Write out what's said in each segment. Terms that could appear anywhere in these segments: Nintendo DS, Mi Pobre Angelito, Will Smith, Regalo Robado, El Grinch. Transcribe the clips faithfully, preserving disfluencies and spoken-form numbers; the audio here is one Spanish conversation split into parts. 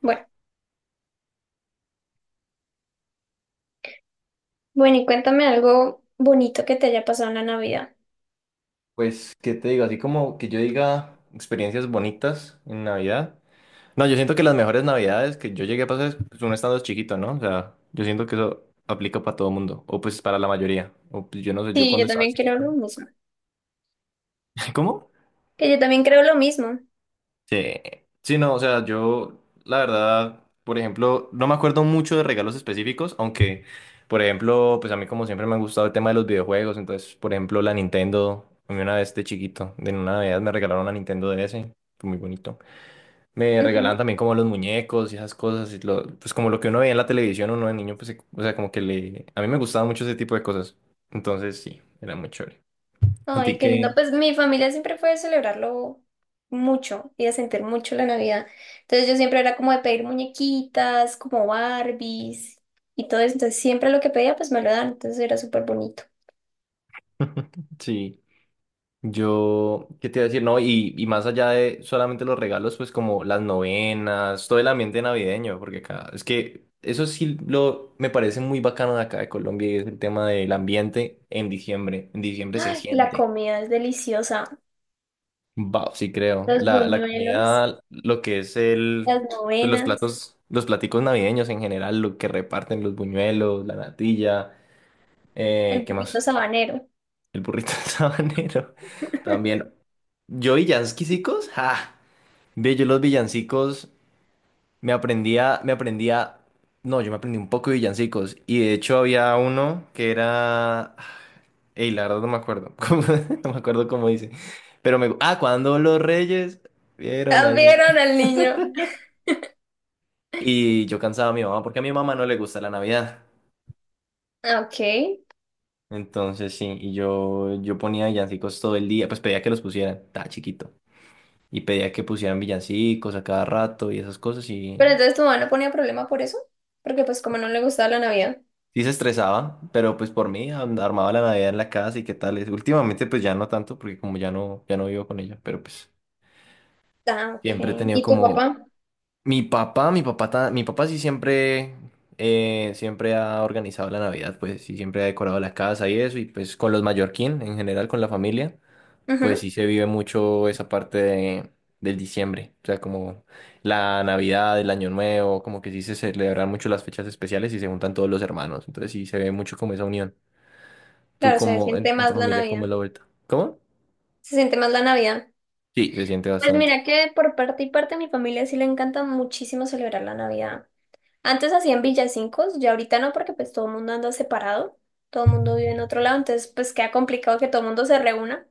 Bueno, bueno, y cuéntame algo bonito que te haya pasado en la Navidad. Pues, ¿qué te digo? Así como que yo diga experiencias bonitas en Navidad. No, yo siento que las mejores Navidades que yo llegué a pasar es pues, uno estando chiquito, ¿no? O sea, yo siento que eso aplica para todo mundo, o pues para la mayoría. O pues yo no sé, yo Sí, cuando yo estaba también creo lo chiquito. mismo. ¿Cómo? Que yo también creo lo mismo. Sí. Sí, no, o sea, yo, la verdad, por ejemplo, no me acuerdo mucho de regalos específicos, aunque, por ejemplo, pues a mí como siempre me ha gustado el tema de los videojuegos, entonces, por ejemplo, la Nintendo, a mí una vez de chiquito, de una Navidad me regalaron una Nintendo D S, fue muy bonito. Me regalaban Ujú. también como los muñecos y esas cosas, y lo- pues como lo que uno veía en la televisión, uno de niño, pues, se- o sea, como que le... A mí me gustaba mucho ese tipo de cosas. Entonces, sí, era muy chévere. ¿A ti Ay, qué lindo. qué? Pues mi familia siempre fue de celebrarlo mucho y de sentir mucho la Navidad. Entonces yo siempre era como de pedir muñequitas, como Barbies y todo eso. Entonces siempre lo que pedía, pues me lo dan. Entonces era súper bonito. Sí, yo, ¿qué te iba a decir? No, y, y más allá de solamente los regalos, pues como las novenas, todo el ambiente navideño, porque acá, es que eso sí lo, me parece muy bacano de acá de Colombia, y es el tema del ambiente en diciembre. En diciembre se Ay, la siente. comida es deliciosa. Wow, sí creo. Los La, la buñuelos, comida, lo que es el, las pues, los novenas, platos, los platicos navideños en general, lo que reparten, los buñuelos, la natilla, el eh, ¿qué burrito más? sabanero. El burrito del sabanero. También. Yo villancicos, ah, ve, yo los villancicos. Me aprendía, me aprendía, no, yo me aprendí un poco de villancicos y de hecho había uno que era, ey, la verdad no me acuerdo, cómo- no me acuerdo cómo dice, pero me, ah, cuando los reyes vieron al niño. Cambiaron al niño. Y yo cansaba a mi mamá porque a mi mamá no le gusta la Navidad, Ah, ok. entonces sí, y yo, yo ponía villancicos todo el día, pues pedía que los pusieran, estaba chiquito, y pedía que pusieran villancicos a cada rato y esas cosas y Pero entonces tu mamá no ponía problema por eso, porque pues como no le gustaba la Navidad. sí se estresaba, pero pues por mí am- armaba la Navidad en la casa y qué tal es. Últimamente pues ya no tanto porque como ya no, ya no vivo con ella, pero pues Ah, siempre he ok. tenido ¿Y tu como... papá? Mi papá, mi papá, ta- mi papá sí siempre, eh, siempre ha organizado la Navidad, pues sí siempre ha decorado la casa y eso, y pues con los mallorquín en general, con la familia, pues Ujú. sí se vive mucho esa parte de- del diciembre, o sea, como la Navidad, el Año Nuevo, como que sí se celebran mucho las fechas especiales y se juntan todos los hermanos, entonces sí se ve mucho como esa unión. ¿Tú Claro, se cómo, en, siente en tu más la familia, cómo es Navidad. la vuelta? ¿Cómo? Se siente más la Navidad. Sí, se siente Pues bastante. mira que por parte y parte de mi familia sí le encanta muchísimo celebrar la Navidad. Antes hacían villancicos, ya ahorita no, porque pues todo el mundo anda separado, todo el mundo vive en otro lado, entonces pues queda complicado que todo el mundo se reúna.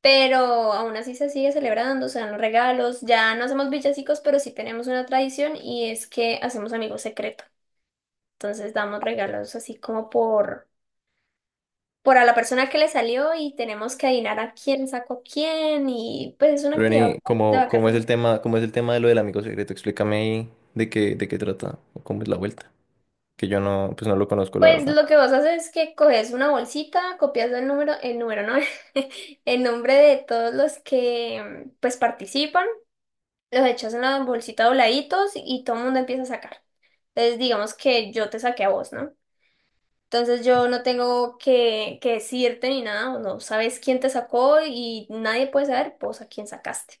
Pero aún así se sigue celebrando, se dan los regalos, ya no hacemos villancicos, pero sí tenemos una tradición y es que hacemos amigos secretos. Entonces damos regalos así como por, por a la persona que le salió y tenemos que adivinar a quién sacó quién y pues es una Pero actividad Reni, bastante ¿cómo, cómo es bacana. el tema, cómo es el tema de lo del amigo secreto? Explícame ahí de qué, de qué trata, o cómo es la vuelta. Que yo no, pues no lo conozco, la Pues verdad. lo que vos haces es que coges una bolsita, copias el número, el número, ¿no? El nombre de todos los que pues participan, los echas en la bolsita dobladitos y todo el mundo empieza a sacar. Entonces digamos que yo te saqué a vos, ¿no? Entonces yo no tengo que, que decirte ni nada, no sabes quién te sacó y nadie puede saber vos a quién sacaste.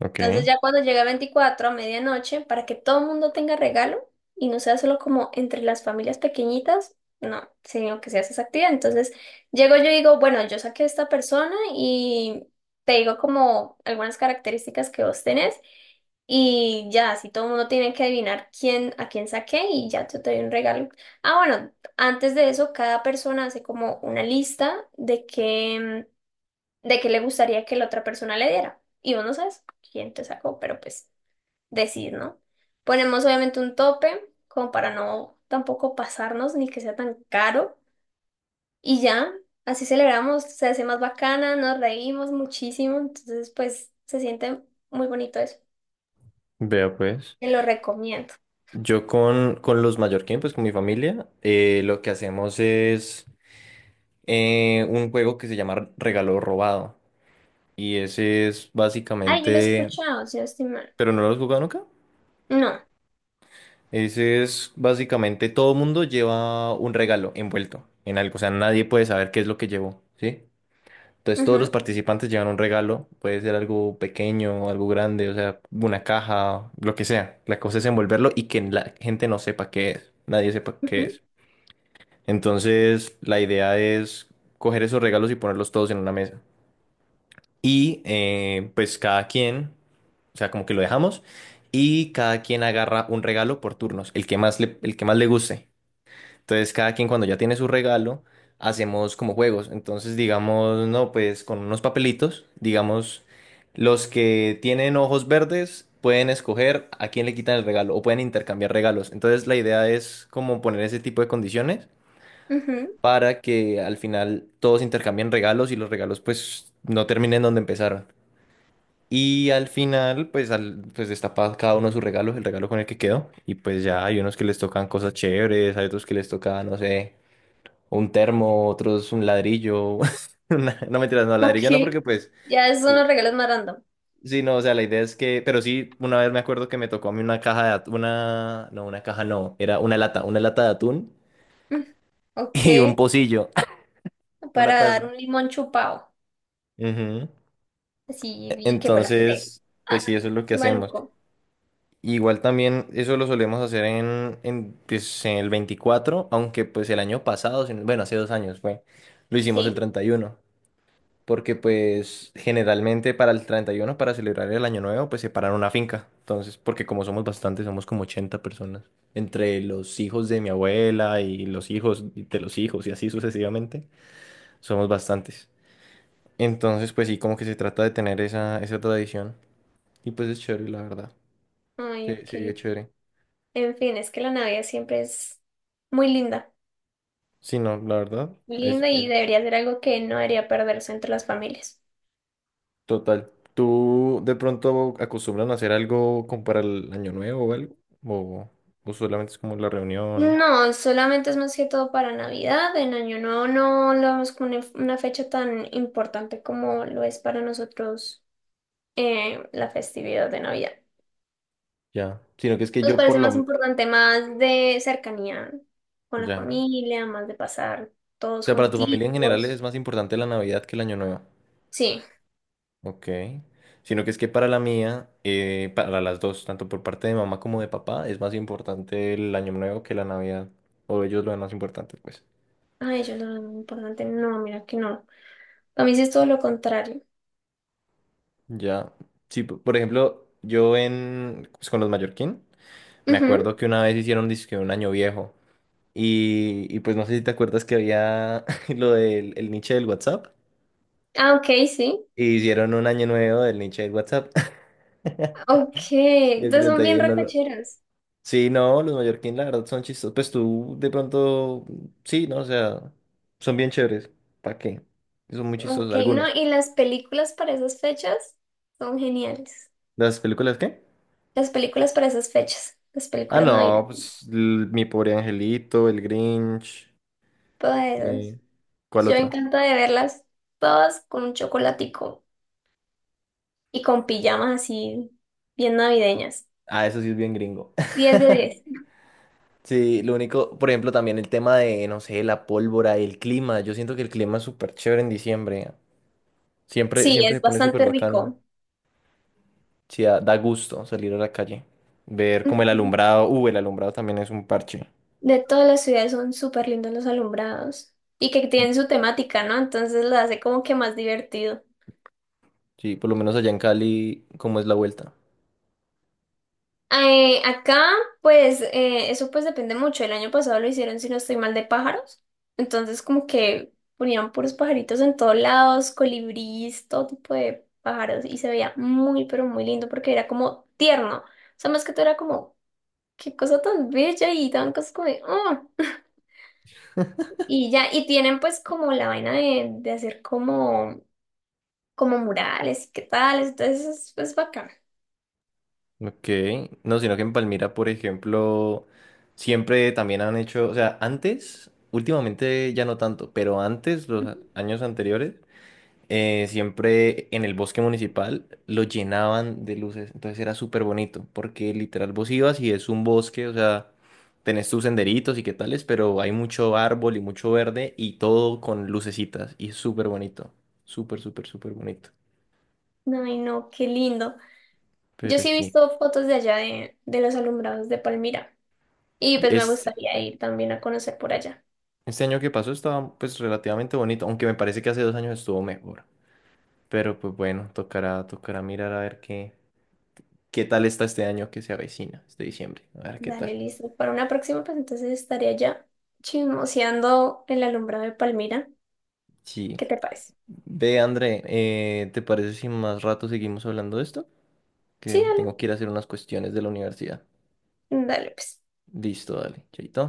Ok, Entonces ya cuando llega veinticuatro a medianoche, para que todo el mundo tenga regalo y no sea solo como entre las familias pequeñitas, no, sino que sea esa actividad. Entonces llego yo y digo, bueno, yo saqué a esta persona y te digo como algunas características que vos tenés y ya, así todo el mundo tiene que adivinar quién, a quién saqué y ya yo te doy un regalo. Ah, bueno, antes de eso, cada persona hace como una lista de qué de qué le gustaría que la otra persona le diera. Y vos no sabes quién te sacó, pero pues decís, ¿no? Ponemos obviamente un tope, como para no tampoco pasarnos ni que sea tan caro. Y ya, así celebramos, se hace más bacana, nos reímos muchísimo, entonces pues se siente muy bonito eso. vea pues. Te lo recomiendo. Yo con, con los mallorquín, pues con mi familia, eh, lo que hacemos es eh, un juego que se llama Regalo Robado. Y ese es Ay, yo lo he básicamente... escuchado, si no estoy mal. ¿Pero no lo has jugado nunca? No. Ese es básicamente todo mundo lleva un regalo envuelto en algo, o sea, nadie puede saber qué es lo que llevó, ¿sí? Entonces todos los Ujú, participantes llevan un regalo, puede ser algo pequeño, algo grande, o sea, una caja, lo que sea. La cosa es envolverlo y que la gente no sepa qué es, nadie sepa qué ujú, es. Entonces la idea es coger esos regalos y ponerlos todos en una mesa. Y eh, pues cada quien, o sea, como que lo dejamos y cada quien agarra un regalo por turnos, el que más le, el que más le guste. Entonces, cada quien cuando ya tiene su regalo, hacemos como juegos. Entonces, digamos, no, pues con unos papelitos, digamos, los que tienen ojos verdes pueden escoger a quién le quitan el regalo o pueden intercambiar regalos. Entonces, la idea es como poner ese tipo de condiciones ujú. para que al final todos intercambien regalos y los regalos pues no terminen donde empezaron. Y al final, pues, al, pues destapa cada uno sus regalos, el regalo con el que quedó. Y pues ya hay unos que les tocan cosas chéveres, hay otros que les toca, no sé, un termo, otros un ladrillo. una- No mentiras, no, Ok. ladrillo no, porque pues, Ya esos son los regalos más random. sí, no, o sea, la idea es que, pero sí, una vez me acuerdo que me tocó a mí una caja de atún, una, no, una caja no, era una lata, una lata de atún Mm, ok. y un pocillo, una Para taza. dar un limón chupado. Ujú. Sí, E- vi que huele feo. Entonces, Ah, pues sí, eso es lo que hacemos. maluco. Igual también eso lo solemos hacer en, en, pues, en el veinticuatro, aunque pues el año pasado, si no- bueno, hace dos años fue, lo hicimos el Sí. treinta y uno. Porque pues generalmente para el treinta y uno para celebrar el año nuevo, pues separan una finca. Entonces, porque como somos bastantes, somos como ochenta personas, entre los hijos de mi abuela y los hijos de los hijos y así sucesivamente, somos bastantes. Entonces, pues sí, como que se trata de tener esa, esa tradición y pues es chévere, la verdad. Ay, Sí, sí, es ok. chévere. En fin, es que la Navidad siempre es muy linda. Sí, no, la verdad, Muy es, linda y es debería ser algo que no debería perderse entre las familias. total. ¿Tú de pronto acostumbran a hacer algo como para el año nuevo o algo? ¿O, o solamente es como la reunión? No, solamente es más que todo para Navidad. En Año Nuevo no lo vemos como una, una fecha tan importante como lo es para nosotros, eh, la festividad de Navidad. Ya, sino que es que Nos yo por parece más lo... importante, más de cercanía con la Ya. familia, más de pasar O todos sea, para tu familia en general juntitos. es más importante la Navidad que el Año Nuevo. Sí. Ok. Sino que es que para la mía, eh, para las dos, tanto por parte de mamá como de papá, es más importante el Año Nuevo que la Navidad. O ellos lo ven más importante, pues. Ay, yo no, no, importante. No, mira que no. A mí sí es todo lo contrario. Ya. Sí, p- por ejemplo, yo en... Pues con los mallorquín, me Ujú. acuerdo que una vez hicieron dizque un Año Viejo. Y, y pues no sé si te acuerdas que había lo del el niche del WhatsApp. Ah, ok, sí. Y hicieron un Año Nuevo del niche del WhatsApp. Ok. Y el Entonces son bien treinta y uno lo... recocheros. Sí, no, los mallorquín la verdad son chistosos. Pues tú de pronto, sí, ¿no? O sea, son bien chéveres. ¿Para qué? Son muy chistosos Ok, no, algunos. y las películas para esas fechas son geniales. ¿Las películas qué? Las películas para esas fechas. Las Ah, películas no, navideñas. pues l- Mi Pobre Angelito, El Grinch. Todas esas. eh, ¿cuál Yo me otra? encanta de verlas todas con un chocolatico y con pijamas así bien navideñas. Ah, eso sí es bien gringo. Diez de diez. Sí, lo único, por ejemplo, también el tema de, no sé, la pólvora, el clima. Yo siento que el clima es súper chévere en diciembre. Siempre, Sí, siempre es se pone súper bastante bacano. rico. Sí, da, da gusto salir a la calle, ver como el alumbrado, uh, el alumbrado también es un parche. De todas las ciudades son súper lindos los alumbrados y que tienen su temática, ¿no? Entonces lo hace como que más divertido. Sí, por lo menos allá en Cali, ¿cómo es la vuelta? Eh, acá, pues, eh, eso pues depende mucho. El año pasado lo hicieron, si no estoy mal, de pájaros. Entonces como que ponían puros pajaritos en todos lados, colibríes, todo tipo de pájaros y se veía muy, pero muy lindo porque era como tierno. O sea, más que todo era como, qué cosa tan bella y tan cosas como de, "Oh". Y ya, y tienen pues como la vaina de, de hacer como como murales y qué tal, entonces es, es bacán. Ok, no, sino que en Palmira, por ejemplo, siempre también han hecho, o sea, antes, últimamente ya no tanto, pero antes, los a- años anteriores, eh, siempre en el bosque municipal lo llenaban de luces, entonces era súper bonito, porque literal vos ibas y es un bosque, o sea, tenés tus senderitos y qué tales, pero hay mucho árbol y mucho verde y todo con lucecitas y es súper bonito, súper, súper, súper bonito. Ay, no, qué lindo. Yo Pero sí he sí, visto fotos de allá de, de los alumbrados de Palmira y pues me es, gustaría ir también a conocer por allá. este año que pasó estaba pues relativamente bonito, aunque me parece que hace dos años estuvo mejor. Pero pues bueno, tocará, tocará mirar a ver qué, qué tal está este año que se avecina, este diciembre, a ver qué Dale, tal. listo. Para una próxima, pues entonces estaré allá chismoseando el alumbrado de Palmira. Sí. ¿Qué te parece? Ve, André, eh, ¿te parece si más rato seguimos hablando de esto? Que Sí, tengo dale. que ir a hacer unas cuestiones de la universidad. Dale, pues. Listo, dale, chaito.